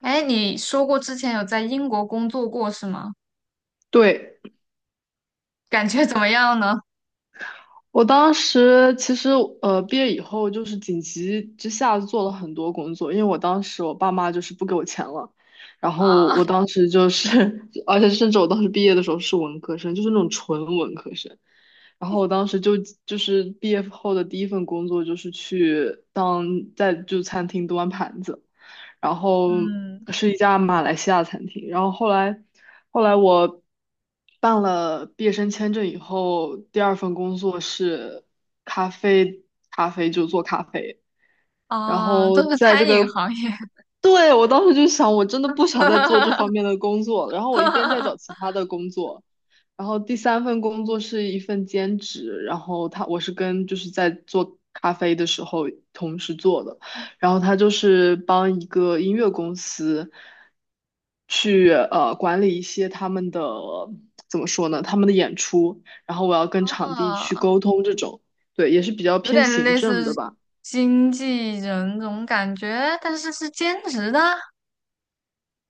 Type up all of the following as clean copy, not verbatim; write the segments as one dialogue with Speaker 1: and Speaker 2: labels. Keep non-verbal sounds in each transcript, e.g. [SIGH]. Speaker 1: 哎，你说过之前有在英国工作过是吗？
Speaker 2: 对，
Speaker 1: 感觉怎么样呢？
Speaker 2: 我当时其实毕业以后就是紧急之下做了很多工作，因为我当时我爸妈就是不给我钱了，然
Speaker 1: 啊，
Speaker 2: 后我当时就是，[LAUGHS] 而且甚至我当时毕业的时候是文科生，就是那种纯文科生，然后我当时就是毕业后的第一份工作就是在餐厅端盘子，然后
Speaker 1: 嗯，
Speaker 2: 是一家马来西亚餐厅。然后后来我办了毕业生签证以后，第二份工作是咖啡咖啡就做咖啡。然
Speaker 1: 啊，
Speaker 2: 后
Speaker 1: 都是
Speaker 2: 在这
Speaker 1: 餐饮
Speaker 2: 个，
Speaker 1: 行业。
Speaker 2: 对，我当时就想，我真的不想再做这方面
Speaker 1: [LAUGHS]
Speaker 2: 的工作了。然后我一边在找其他的工作，然后第三份工作是一份兼职，然后我是跟在做咖啡的时候同时做的，然后他就是帮一个音乐公司去管理一些他们的怎么说呢，他们的演出，然后我要跟场地去
Speaker 1: 啊，
Speaker 2: 沟通这种，对，也是比较
Speaker 1: 有
Speaker 2: 偏
Speaker 1: 点
Speaker 2: 行
Speaker 1: 类
Speaker 2: 政的
Speaker 1: 似
Speaker 2: 吧。
Speaker 1: 经纪人这种感觉，但是是兼职的。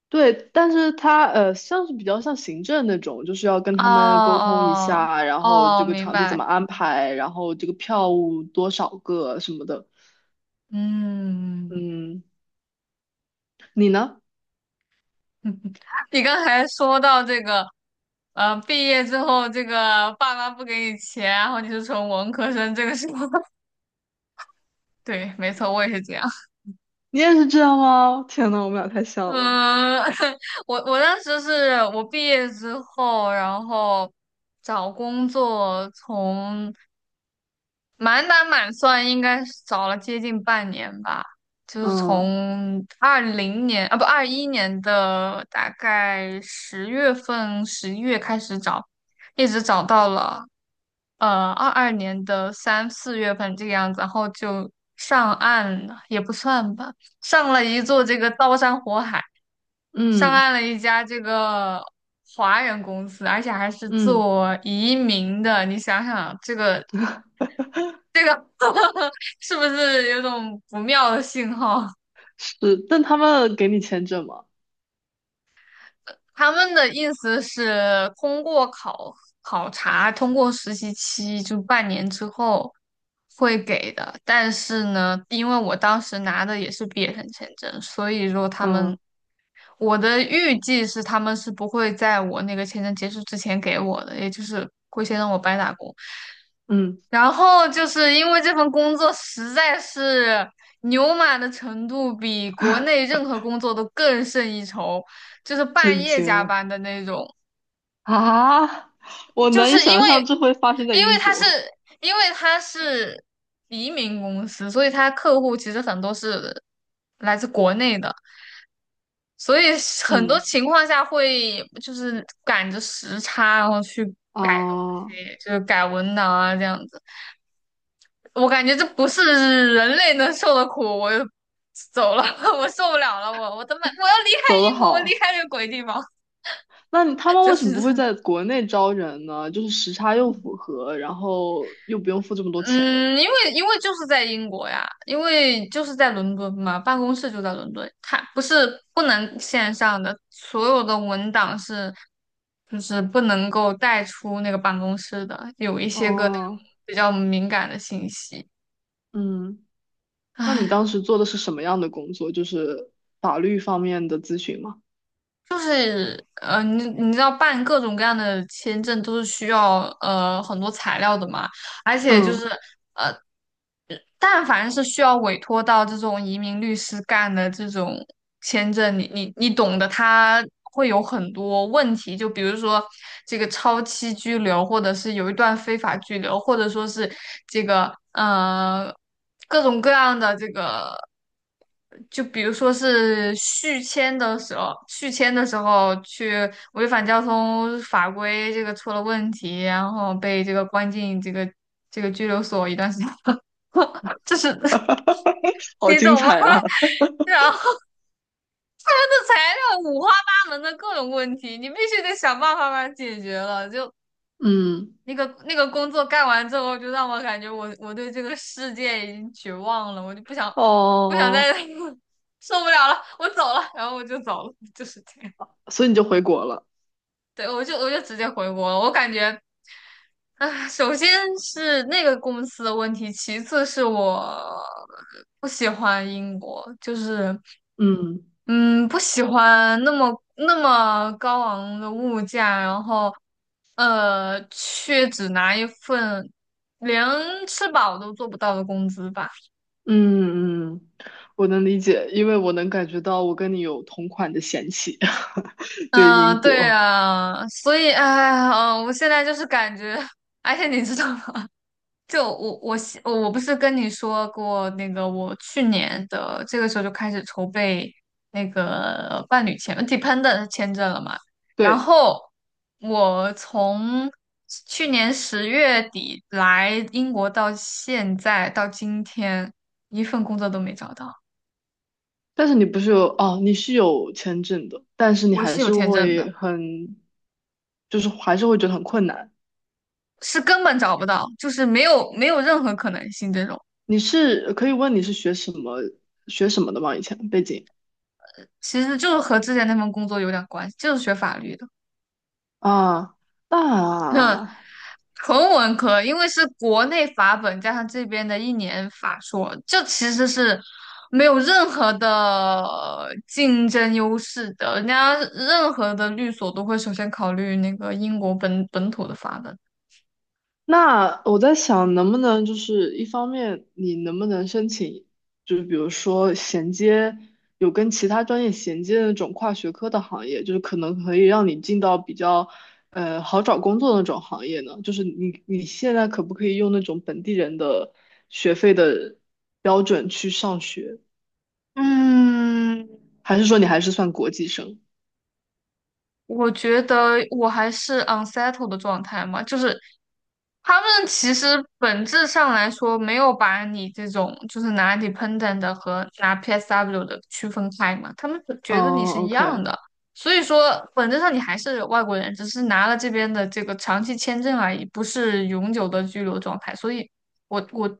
Speaker 2: 对，但是他像是比较像行政那种，就是要跟
Speaker 1: 哦
Speaker 2: 他们沟通一
Speaker 1: 哦
Speaker 2: 下，然后这
Speaker 1: 哦，
Speaker 2: 个
Speaker 1: 明
Speaker 2: 场地怎
Speaker 1: 白。
Speaker 2: 么安排，然后这个票务多少个什么的。
Speaker 1: 嗯，
Speaker 2: 嗯，你呢？
Speaker 1: [LAUGHS] 你刚才说到这个，毕业之后这个爸妈不给你钱，然后你是从文科生，这个是吗？[LAUGHS] 对，没错，我也是这样。
Speaker 2: 你也是这样吗？[LAUGHS] 天呐，我们俩太像了。
Speaker 1: 嗯，[LAUGHS] 我当时是我毕业之后，然后找工作从满打满算应该是找了接近半年吧，就是
Speaker 2: 嗯
Speaker 1: 从20年啊不21年的大概10月份11月开始找，一直找到了22年的三四月份这个样子，然后就上岸了，也不算吧，上了一座这个刀山火海。上
Speaker 2: 嗯
Speaker 1: 岸了一家这个华人公司，而且还是
Speaker 2: 嗯，
Speaker 1: 做移民的。你想想，这个 [LAUGHS] 是不是有种不妙的信号？
Speaker 2: 是，但他们给你签证吗？
Speaker 1: 他们的意思是通过考察，通过实习期就半年之后会给的。但是呢，因为我当时拿的也是毕业生签证，所以说他们，
Speaker 2: 嗯
Speaker 1: 我的预计是他们是不会在我那个签证结束之前给我的，也就是会先让我白打工。
Speaker 2: 嗯，
Speaker 1: 然后就是因为这份工作实在是牛马的程度比国内
Speaker 2: [LAUGHS]
Speaker 1: 任何工作都更胜一筹，就是半
Speaker 2: 震
Speaker 1: 夜
Speaker 2: 惊
Speaker 1: 加
Speaker 2: 了
Speaker 1: 班的那种。
Speaker 2: 啊！我
Speaker 1: 就
Speaker 2: 难
Speaker 1: 是
Speaker 2: 以
Speaker 1: 因
Speaker 2: 想象
Speaker 1: 为，
Speaker 2: 这会发生在
Speaker 1: 因为
Speaker 2: 英
Speaker 1: 他是，
Speaker 2: 国。
Speaker 1: 因为他是移民公司，所以他客户其实很多是来自国内的，所以很多
Speaker 2: 嗯，
Speaker 1: 情况下会就是赶着时差，然后去改东
Speaker 2: 啊，
Speaker 1: 西，就是改文档啊这样子。我感觉这不是人类能受的苦，我就走了，[LAUGHS] 我受不了了，我他妈我要离开
Speaker 2: 走得
Speaker 1: 英国，我离
Speaker 2: 好。
Speaker 1: 开这个鬼地方。
Speaker 2: 那他
Speaker 1: [LAUGHS]
Speaker 2: 们
Speaker 1: 就
Speaker 2: 为什
Speaker 1: 是。
Speaker 2: 么不会在国内招人呢？就是时差又符合，然后又不用付这么多钱。
Speaker 1: 嗯，因为就是在英国呀，因为就是在伦敦嘛，办公室就在伦敦，它不是不能线上的，所有的文档是就是不能够带出那个办公室的，有一些个那种
Speaker 2: 哦，
Speaker 1: 比较敏感的信息。
Speaker 2: 嗯，那你当
Speaker 1: 唉，
Speaker 2: 时做的是什么样的工作？就是法律方面的咨询吗？
Speaker 1: 就是你知道办各种各样的签证都是需要很多材料的嘛，而且就
Speaker 2: 嗯
Speaker 1: 是。但凡是需要委托到这种移民律师干的这种签证，你懂的，他会有很多问题，就比如说这个超期拘留，或者是有一段非法拘留，或者说是这个各种各样的这个，就比如说是续签的时候，续签的时候去违反交通法规，这个出了问题，然后被这个关进这个拘留所一段时间。就是 [LAUGHS]
Speaker 2: [LAUGHS] 好
Speaker 1: 你
Speaker 2: 精
Speaker 1: 懂吗？
Speaker 2: 彩啊！
Speaker 1: [LAUGHS] 然后的材料五花八门的各种问题，你必须得想办法把它解决了。就
Speaker 2: [LAUGHS] 嗯，
Speaker 1: 那个那个工作干完之后，就让我感觉我对这个世界已经绝望了，我就不想
Speaker 2: 哦
Speaker 1: 再
Speaker 2: 哦，
Speaker 1: [LAUGHS] 受不了了，我走了，然后我就走了，就是这样。
Speaker 2: 所以你就回国了。
Speaker 1: 对，我就直接回国了。我感觉，啊，首先是那个公司的问题，其次是我不喜欢英国，就是
Speaker 2: 嗯
Speaker 1: 嗯，不喜欢那么那么高昂的物价，然后，呃，却只拿一份连吃饱都做不到的工资吧。
Speaker 2: 嗯嗯，我能理解，因为我能感觉到我跟你有同款的嫌弃，[LAUGHS] 对于
Speaker 1: 嗯、
Speaker 2: 英
Speaker 1: 对
Speaker 2: 国。
Speaker 1: 啊，所以，哎呀，嗯、我现在就是感觉。[LAUGHS] 而且你知道吗？就我不是跟你说过那个，我去年的这个时候就开始筹备那个伴侣签呃 dependent 签证了嘛。然
Speaker 2: 对。
Speaker 1: 后我从去年十月底来英国到现在到今天，一份工作都没找到。
Speaker 2: 但是你不是有哦，你是有签证的，但是你
Speaker 1: 我
Speaker 2: 还
Speaker 1: 是有
Speaker 2: 是
Speaker 1: 签证的，
Speaker 2: 会很，就是还是会觉得很困难。
Speaker 1: 是根本找不到，就是没有没有任何可能性这种。
Speaker 2: 你是可以问你是学什么的吗？以前背景
Speaker 1: 其实就是和之前那份工作有点关系，就是学法律的。
Speaker 2: 啊，
Speaker 1: 嗯。
Speaker 2: 那
Speaker 1: 纯文科，因为是国内法本加上这边的1年法硕，这其实是没有任何的竞争优势的。人家任何的律所都会首先考虑那个英国本土的法本。
Speaker 2: 那我在想，能不能就是一方面，你能不能申请，就是比如说有跟其他专业衔接的那种跨学科的行业，就是可能可以让你进到比较好找工作的那种行业呢？就是你现在可不可以用那种本地人的学费的标准去上学，
Speaker 1: 嗯，
Speaker 2: 还是说你还是算国际生？
Speaker 1: 我觉得我还是 unsettled 的状态嘛，就是他们其实本质上来说没有把你这种就是拿 dependent 的和拿 PSW 的区分开嘛，他们
Speaker 2: 嗯
Speaker 1: 觉得你是一样
Speaker 2: ，OK，
Speaker 1: 的，所以说本质上你还是外国人，只是拿了这边的这个长期签证而已，不是永久的居留状态，所以我我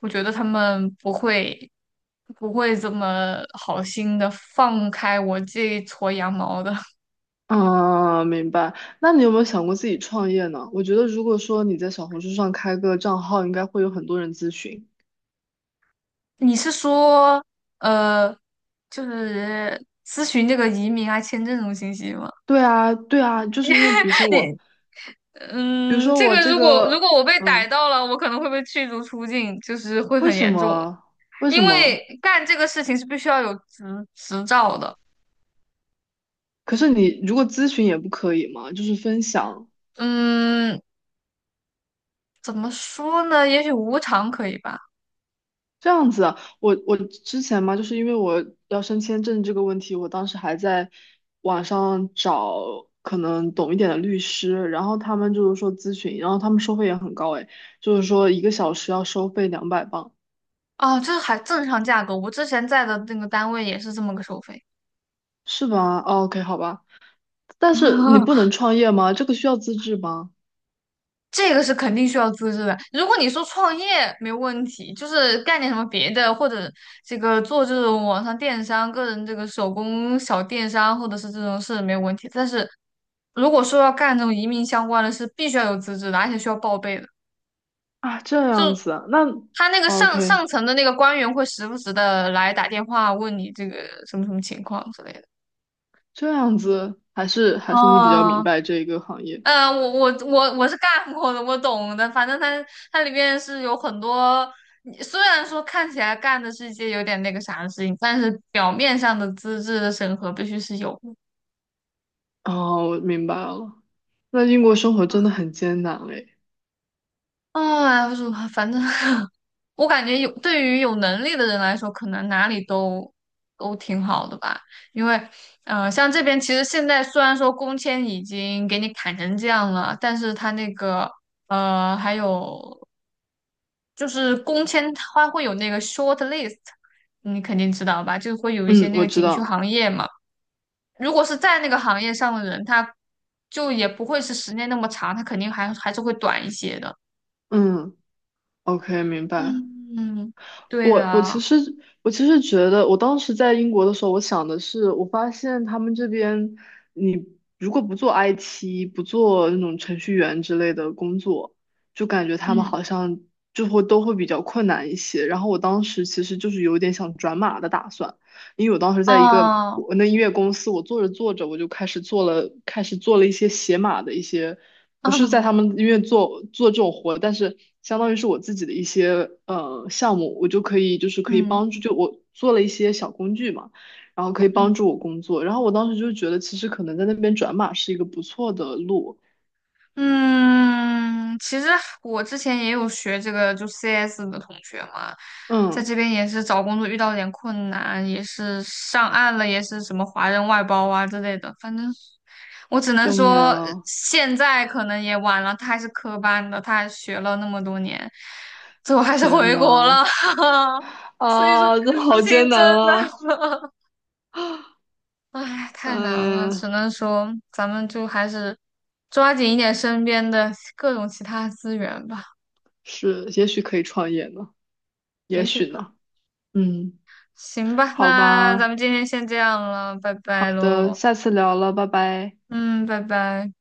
Speaker 1: 我觉得他们不会不会这么好心的放开我这一撮羊毛的。
Speaker 2: 啊，明白。那你有没有想过自己创业呢？我觉得如果说你在小红书上开个账号，应该会有很多人咨询。
Speaker 1: 你是说，呃，就是咨询这个移民啊、签证这种信息吗？
Speaker 2: 对啊，对啊，就是因为比如说我，
Speaker 1: 你，[LAUGHS]
Speaker 2: 比如
Speaker 1: 嗯，
Speaker 2: 说
Speaker 1: 这
Speaker 2: 我
Speaker 1: 个
Speaker 2: 这
Speaker 1: 如果如果
Speaker 2: 个，
Speaker 1: 我被逮
Speaker 2: 嗯，
Speaker 1: 到了，我可能会被驱逐出境，就是会
Speaker 2: 为
Speaker 1: 很
Speaker 2: 什
Speaker 1: 严重，
Speaker 2: 么？为什
Speaker 1: 因为
Speaker 2: 么？
Speaker 1: 干这个事情是必须要有执照的。
Speaker 2: 可是你如果咨询也不可以吗？就是分享。
Speaker 1: 嗯，怎么说呢？也许无偿可以吧。
Speaker 2: 这样子啊，我之前嘛，就是因为我要申签证这个问题，我当时还在网上找可能懂一点的律师，然后他们就是说咨询，然后他们收费也很高诶，就是说一个小时要收费200镑，
Speaker 1: 哦，这还正常价格。我之前在的那个单位也是这么个收费。
Speaker 2: 是吧？o k 好吧。但是你不
Speaker 1: [LAUGHS]
Speaker 2: 能创业吗？这个需要资质吗？
Speaker 1: 这个是肯定需要资质的。如果你说创业没问题，就是干点什么别的，或者这个做这种网上电商、个人这个手工小电商，或者是这种是没有问题。但是如果说要干这种移民相关的事，必须要有资质的，而且需要报备的。
Speaker 2: 啊，这
Speaker 1: 就
Speaker 2: 样子啊那
Speaker 1: 他那个上上
Speaker 2: OK，
Speaker 1: 层的那个官员会时不时的来打电话问你这个什么什么情况之类的。
Speaker 2: 这样子还是你比较明
Speaker 1: 哦，
Speaker 2: 白这一个行业。
Speaker 1: 呃，我是干过的，我懂的。反正它里面是有很多，你虽然说看起来干的是一些有点那个啥的事情，但是表面上的资质的审核必须是有的。
Speaker 2: 哦，我明白了。那英国生活真的很艰难哎，
Speaker 1: 哎，不是，反正 [LAUGHS] 我感觉有对于有能力的人来说，可能哪里都挺好的吧。因为，呃，像这边其实现在虽然说工签已经给你砍成这样了，但是他那个呃还有。就是工签它会有那个 short list，你肯定知道吧？就会有一些
Speaker 2: 嗯，
Speaker 1: 那
Speaker 2: 我
Speaker 1: 个
Speaker 2: 知
Speaker 1: 景区
Speaker 2: 道。
Speaker 1: 行业嘛。如果是在那个行业上的人，他就也不会是时间那么长，他肯定还是会短一些的。
Speaker 2: 嗯，OK，明白。
Speaker 1: 嗯，嗯，对
Speaker 2: 我我其
Speaker 1: 的，
Speaker 2: 实我其实觉得，我当时在英国的时候，我想的是，我发现他们这边，你如果不做 IT，不做那种程序员之类的工作，就感觉他们
Speaker 1: 嗯，
Speaker 2: 好像就会都会比较困难一些。然后我当时其实就是有点想转码的打算，因为我当时在一个
Speaker 1: 哦，
Speaker 2: 我那音乐公司，我做着做着，我就开始做了一些写码的一些。不是在他
Speaker 1: [LAUGHS]
Speaker 2: 们医院做这种活，但是相当于是我自己的一些项目，我就可以就是可以
Speaker 1: 嗯
Speaker 2: 帮助，就我做了一些小工具嘛，然后可以
Speaker 1: 嗯。
Speaker 2: 帮助我工作。然后我当时就觉得，其实可能在那边转码是一个不错的路。
Speaker 1: 嗯，其实我之前也有学这个，就 CS 的同学嘛，在
Speaker 2: 嗯，
Speaker 1: 这边也是找工作遇到了点困难，也是上岸了，也是什么华人外包啊之类的，反正我只能
Speaker 2: 救命
Speaker 1: 说呃
Speaker 2: 啊！
Speaker 1: 现在可能也晚了，他还是科班的，他还学了那么多年，最后还是
Speaker 2: 天
Speaker 1: 回国了。
Speaker 2: 呐，
Speaker 1: [LAUGHS] 所以说这
Speaker 2: 啊，这
Speaker 1: 个
Speaker 2: 好
Speaker 1: 事情
Speaker 2: 艰难
Speaker 1: 真
Speaker 2: 啊！
Speaker 1: 的 [LAUGHS] 唉，太难了，
Speaker 2: 嗯，
Speaker 1: 只能说咱们就还是抓紧一点身边的各种其他资源吧，
Speaker 2: 是，也许可以创业呢，也
Speaker 1: 也许
Speaker 2: 许
Speaker 1: 吧。
Speaker 2: 呢。嗯，
Speaker 1: 行吧，
Speaker 2: 好
Speaker 1: 那
Speaker 2: 吧，
Speaker 1: 咱们今天先这样了，拜
Speaker 2: 好
Speaker 1: 拜
Speaker 2: 的，
Speaker 1: 喽。
Speaker 2: 下次聊了，拜拜。
Speaker 1: 嗯，拜拜。